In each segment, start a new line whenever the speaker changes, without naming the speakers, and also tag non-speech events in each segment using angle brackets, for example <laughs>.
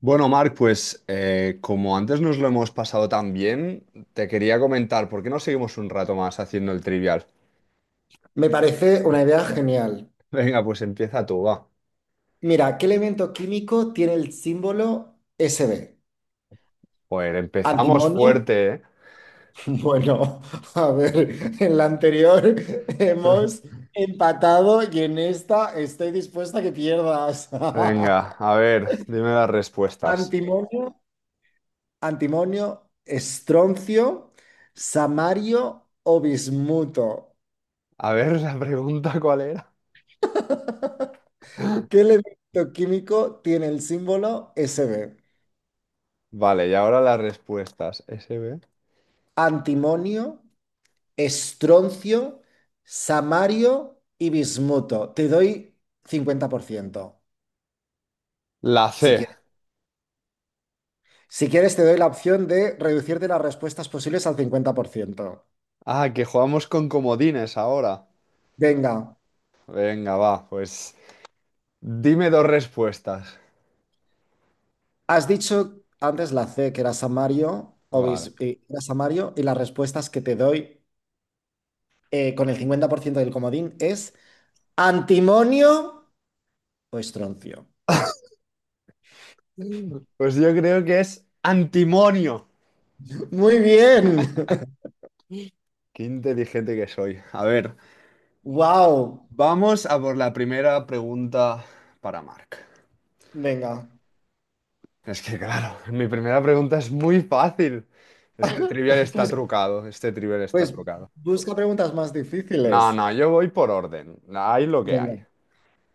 Bueno, Marc, pues como antes nos lo hemos pasado tan bien, te quería comentar, ¿por qué no seguimos un rato más haciendo el trivial?
Me parece una idea genial.
<laughs> Venga, pues empieza tú, va.
Mira, ¿qué elemento químico tiene el símbolo SB?
Joder, empezamos
¿Antimonio? <laughs>
fuerte, ¿eh?
Bueno, a ver, en la anterior <laughs> hemos
<laughs>
empatado y en esta estoy dispuesta a que pierdas.
Venga,
<laughs>
a ver, dime las respuestas.
¿Antimonio? ¿Antimonio? ¿Estroncio? ¿Samario o bismuto?
A ver, la pregunta, ¿cuál era?
<laughs> ¿Qué elemento químico tiene el símbolo SB?
Vale, y ahora las respuestas. SB.
¿Antimonio? Estroncio, samario y bismuto. Te doy 50%
La
si
C.
quieres. Si quieres, te doy la opción de reducirte las respuestas posibles al cincuenta por ciento.
Ah, que jugamos con comodines ahora.
Venga,
Venga, va, pues dime dos respuestas.
has dicho antes la C, que era samario, o
Vale.
era samario, y las respuestas que te doy con el 50% del comodín es antimonio o estroncio.
<laughs> Pues yo creo que es antimonio.
Muy bien. <laughs>
Qué inteligente que soy. A ver,
Wow.
vamos a por la primera pregunta para Mark.
Venga.
Es que claro, mi primera pregunta es muy fácil. Este trivial
<laughs>
está
Pues
trucado, este trivial está
Pues
trucado.
busca preguntas más
No,
difíciles.
no, yo voy por orden. Hay lo que
Venga.
hay.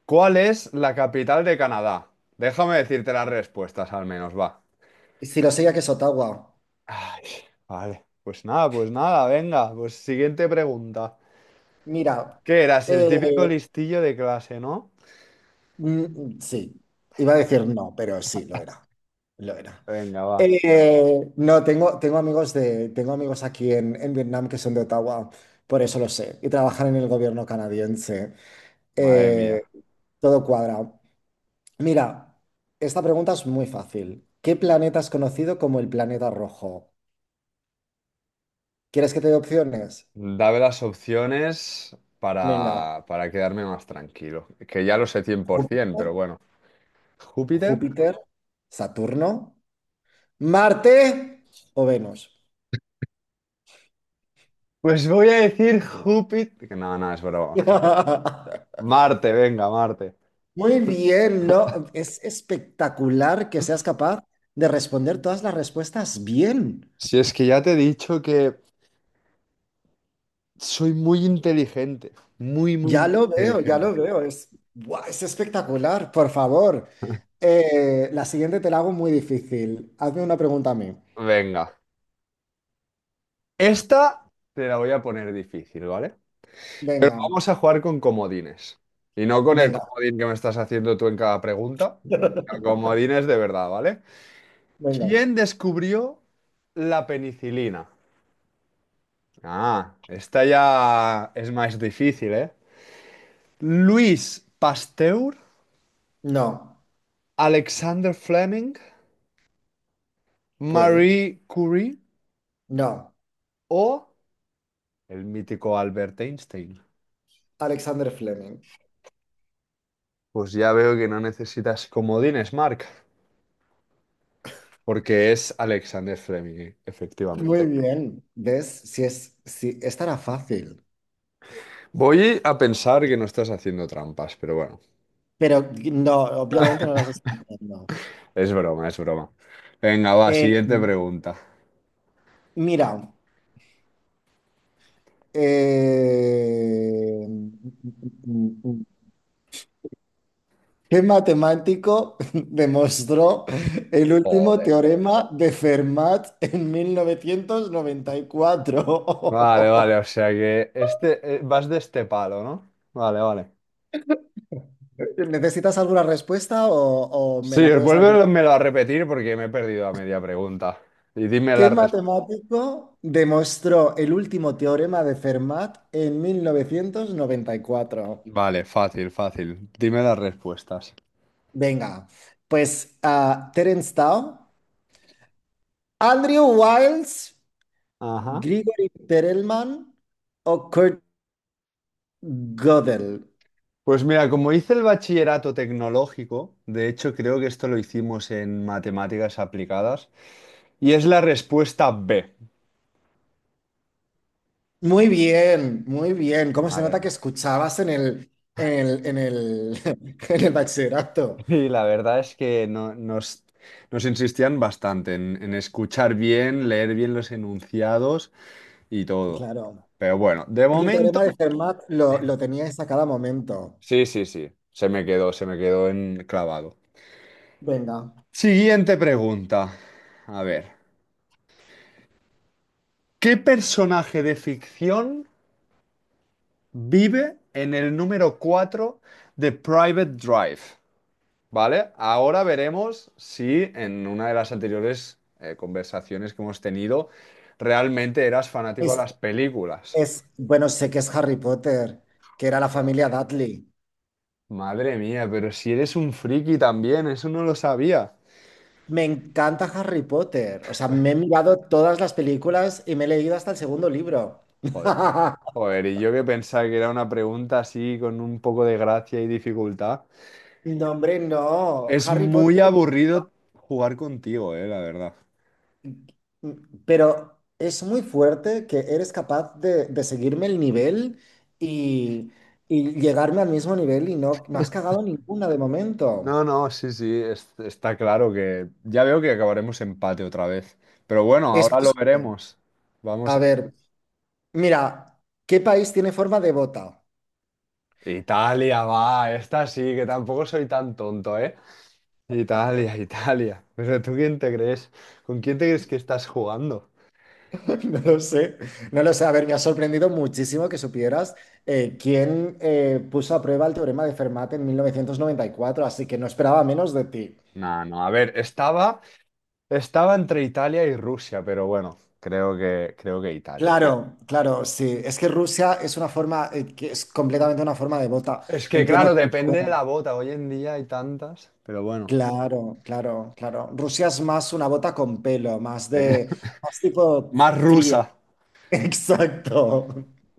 ¿Cuál es la capital de Canadá? Déjame decirte las respuestas al menos, va.
Si lo sé, ya que es Ottawa.
Ay, vale, pues nada, venga, pues siguiente pregunta.
Mira,
¿Qué eras? El
eh,
típico listillo de clase, ¿no?
sí, iba a decir no, pero sí, lo era. Lo era.
Venga, va.
No, tengo amigos de, tengo amigos aquí en Vietnam que son de Ottawa, por eso lo sé, y trabajan en el gobierno canadiense.
Madre mía.
Eh, Todo cuadra. Mira, esta pregunta es muy fácil. ¿Qué planeta es conocido como el planeta rojo? ¿Quieres que te dé opciones?
Dame las opciones
Venga.
para quedarme más tranquilo. Que ya lo sé 100%,
Júpiter,
pero bueno. ¿Júpiter?
Júpiter, Saturno, Marte o Venus.
Pues voy a decir Júpiter. Que no, no, es broma.
<laughs>
Marte, venga, Marte.
Muy bien, ¿no? Es espectacular que seas capaz de responder todas las respuestas bien.
Si es que ya te he dicho que soy muy inteligente. Muy, muy,
Ya
muy
lo veo, ya lo
inteligente.
veo. Es, ¡buah!, es espectacular. Por favor,
<laughs>
La siguiente te la hago muy difícil. Hazme una pregunta a mí.
Venga. Esta te la voy a poner difícil, ¿vale? Pero
Venga,
vamos a jugar con comodines. Y no con el
venga,
comodín que me estás haciendo tú en cada pregunta. Sino
<laughs>
comodines de verdad, ¿vale?
venga.
¿Quién descubrió la penicilina? Ah, esta ya es más difícil, ¿eh? Luis Pasteur,
No,
Alexander Fleming,
puede.
Marie Curie
No,
o el mítico Albert Einstein.
Alexander Fleming.
Pues ya veo que no necesitas comodines, Mark, porque es Alexander Fleming, efectivamente.
Muy bien, ¿ves? Si es, si estará fácil,
Voy a pensar que no estás haciendo trampas, pero bueno,
pero no, obviamente no las estoy haciendo.
es broma, es broma. Venga, va,
Eh,
siguiente pregunta.
mira, eh, ¿qué matemático <laughs> demostró el último
Joder.
teorema de Fermat en mil novecientos noventa y
Vale, vale,
cuatro.
o sea que este, vas de este palo, ¿no? Vale, vale.
<laughs> ¿Necesitas alguna respuesta o me
Sí,
la puedes dar?
vuélvemelo a repetir porque me he perdido a media pregunta. Y dime
¿Qué
las respuestas.
matemático demostró el último teorema de Fermat en 1994?
Vale, fácil, fácil. Dime las respuestas.
Venga, pues Terence Tao, Andrew Wiles,
Ajá.
Grigori Perelman o Kurt Gödel.
Pues mira, como hice el bachillerato tecnológico, de hecho creo que esto lo hicimos en matemáticas aplicadas, y es la respuesta B.
Muy bien, muy bien. ¿Cómo se nota
Madre.
que escuchabas <laughs> en el bachillerato?
Y la verdad es que nos insistían bastante en escuchar bien, leer bien los enunciados y todo.
Claro.
Pero bueno, de
Y el
momento,
teorema de Fermat lo teníais a cada momento.
sí, sí, sí. Se me quedó en... clavado.
Venga.
Siguiente pregunta. A ver, ¿qué personaje de ficción vive en el número 4 de Private Drive? ¿Vale? Ahora veremos si en una de las anteriores conversaciones que hemos tenido realmente eras fanático de
Es-
las películas.
Es, bueno, sé que es Harry Potter, que era la familia
Joder.
Dudley.
Madre mía, pero si eres un friki también, eso no lo sabía.
Me encanta Harry Potter. O sea, me he mirado todas las películas y me he leído hasta el segundo libro.
Joder.
<laughs>
Joder, y yo que pensaba que era una pregunta así con un poco de gracia y dificultad.
No, hombre, no.
Es
Harry Potter.
muy aburrido jugar contigo, la verdad.
Pero es muy fuerte que eres capaz de seguirme el nivel y, y llegarme al mismo nivel y no, no has cagado ninguna de momento.
No, no, sí, sí, está claro que ya veo que acabaremos empate otra vez. Pero bueno,
Es
ahora lo
posible.
veremos. Vamos
A
a ver.
ver, mira, ¿qué país tiene forma de bota?
Italia, va, esta sí, que tampoco soy tan tonto, ¿eh? Italia, <laughs> Italia. Pero ¿tú quién te crees? ¿Con quién te crees que estás jugando?
<laughs> No lo sé, no lo sé. A ver, me ha sorprendido muchísimo que supieras quién puso a prueba el teorema de Fermat en mil novecientos noventa y cuatro, así que no esperaba menos de ti.
No, no, a ver, estaba estaba entre Italia y Rusia, pero bueno, creo que Italia.
Claro, claro, sí. Es que Rusia es una forma, que es completamente una forma de bota.
Es que
Entiendo
claro,
que…
depende de la
bueno,
bota. Hoy en día hay tantas, pero bueno.
claro, claro, claro. Rusia es más una bota con pelo, más
Eh,
de,
<laughs>
más tipo
más
fría.
rusa.
<laughs> Exacto.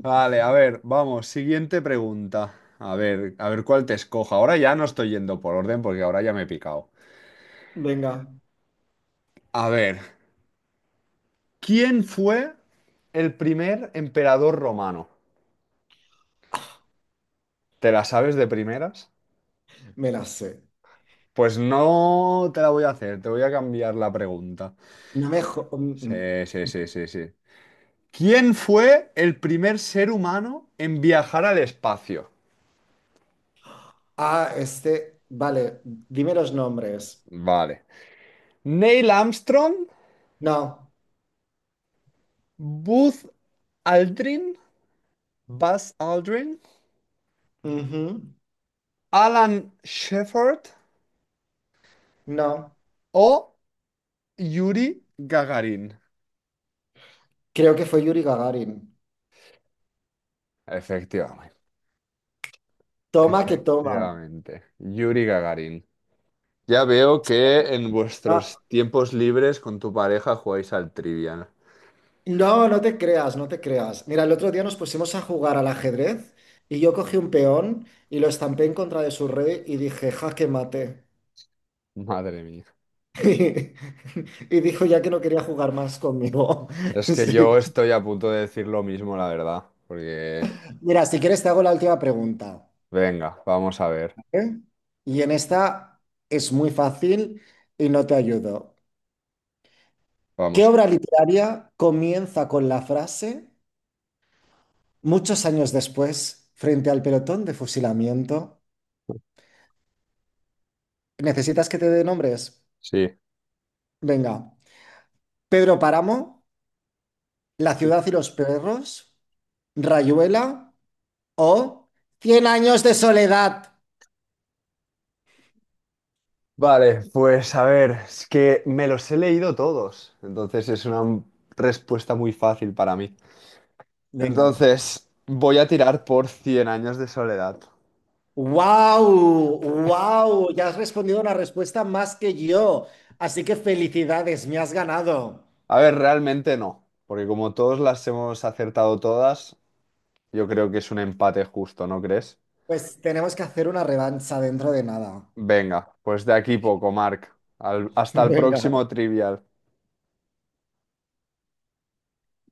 Vale, a ver, vamos, siguiente pregunta. A ver cuál te escojo. Ahora ya no estoy yendo por orden porque ahora ya me he picado.
Venga,
A ver, ¿quién fue el primer emperador romano? ¿Te la sabes de primeras?
me la sé.
Pues no te la voy a hacer, te voy a cambiar la pregunta.
No me…
Sí, sí, sí, sí, sí. ¿Quién fue el primer ser humano en viajar al espacio?
Ah, este, vale, dime los nombres.
Vale. Neil Armstrong,
No,
Buzz Aldrin, Buzz Aldrin,
ujú,
Alan Shepard
no,
o Yuri Gagarin.
creo que fue Yuri Gagarin.
Efectivamente,
Toma que toma.
efectivamente. Yuri Gagarin. Ya veo que en
Ah,
vuestros tiempos libres con tu pareja jugáis al Trivial.
no, no te creas, no te creas. Mira, el otro día nos pusimos a jugar al ajedrez y yo cogí un peón y lo estampé en contra de su rey y dije, jaque mate.
Madre mía.
<laughs> Y dijo ya que no quería jugar más conmigo. <laughs>
Es que
Sí.
yo estoy a punto de decir lo mismo, la verdad, porque
Mira, si quieres te hago la última pregunta.
venga, vamos a ver.
¿Eh? Y en esta es muy fácil y no te ayudo. ¿Qué
Vamos.
obra literaria comienza con la frase, muchos años después, frente al pelotón de fusilamiento? ¿Necesitas que te dé nombres?
Sí.
Venga. Pedro Páramo, La
Sí.
ciudad y los perros, Rayuela o Cien años de soledad.
Vale, pues a ver, es que me los he leído todos, entonces es una respuesta muy fácil para mí.
Venga.
Entonces, voy a tirar por Cien años de soledad.
¡Wow! ¡Wow! Ya has respondido una respuesta más que yo. Así que felicidades, me has ganado.
A ver, realmente no, porque como todos las hemos acertado todas, yo creo que es un empate justo, ¿no crees?
Pues tenemos que hacer una revancha dentro de nada.
Venga, pues de aquí poco, Marc.
<laughs>
Hasta el
Venga.
próximo trivial.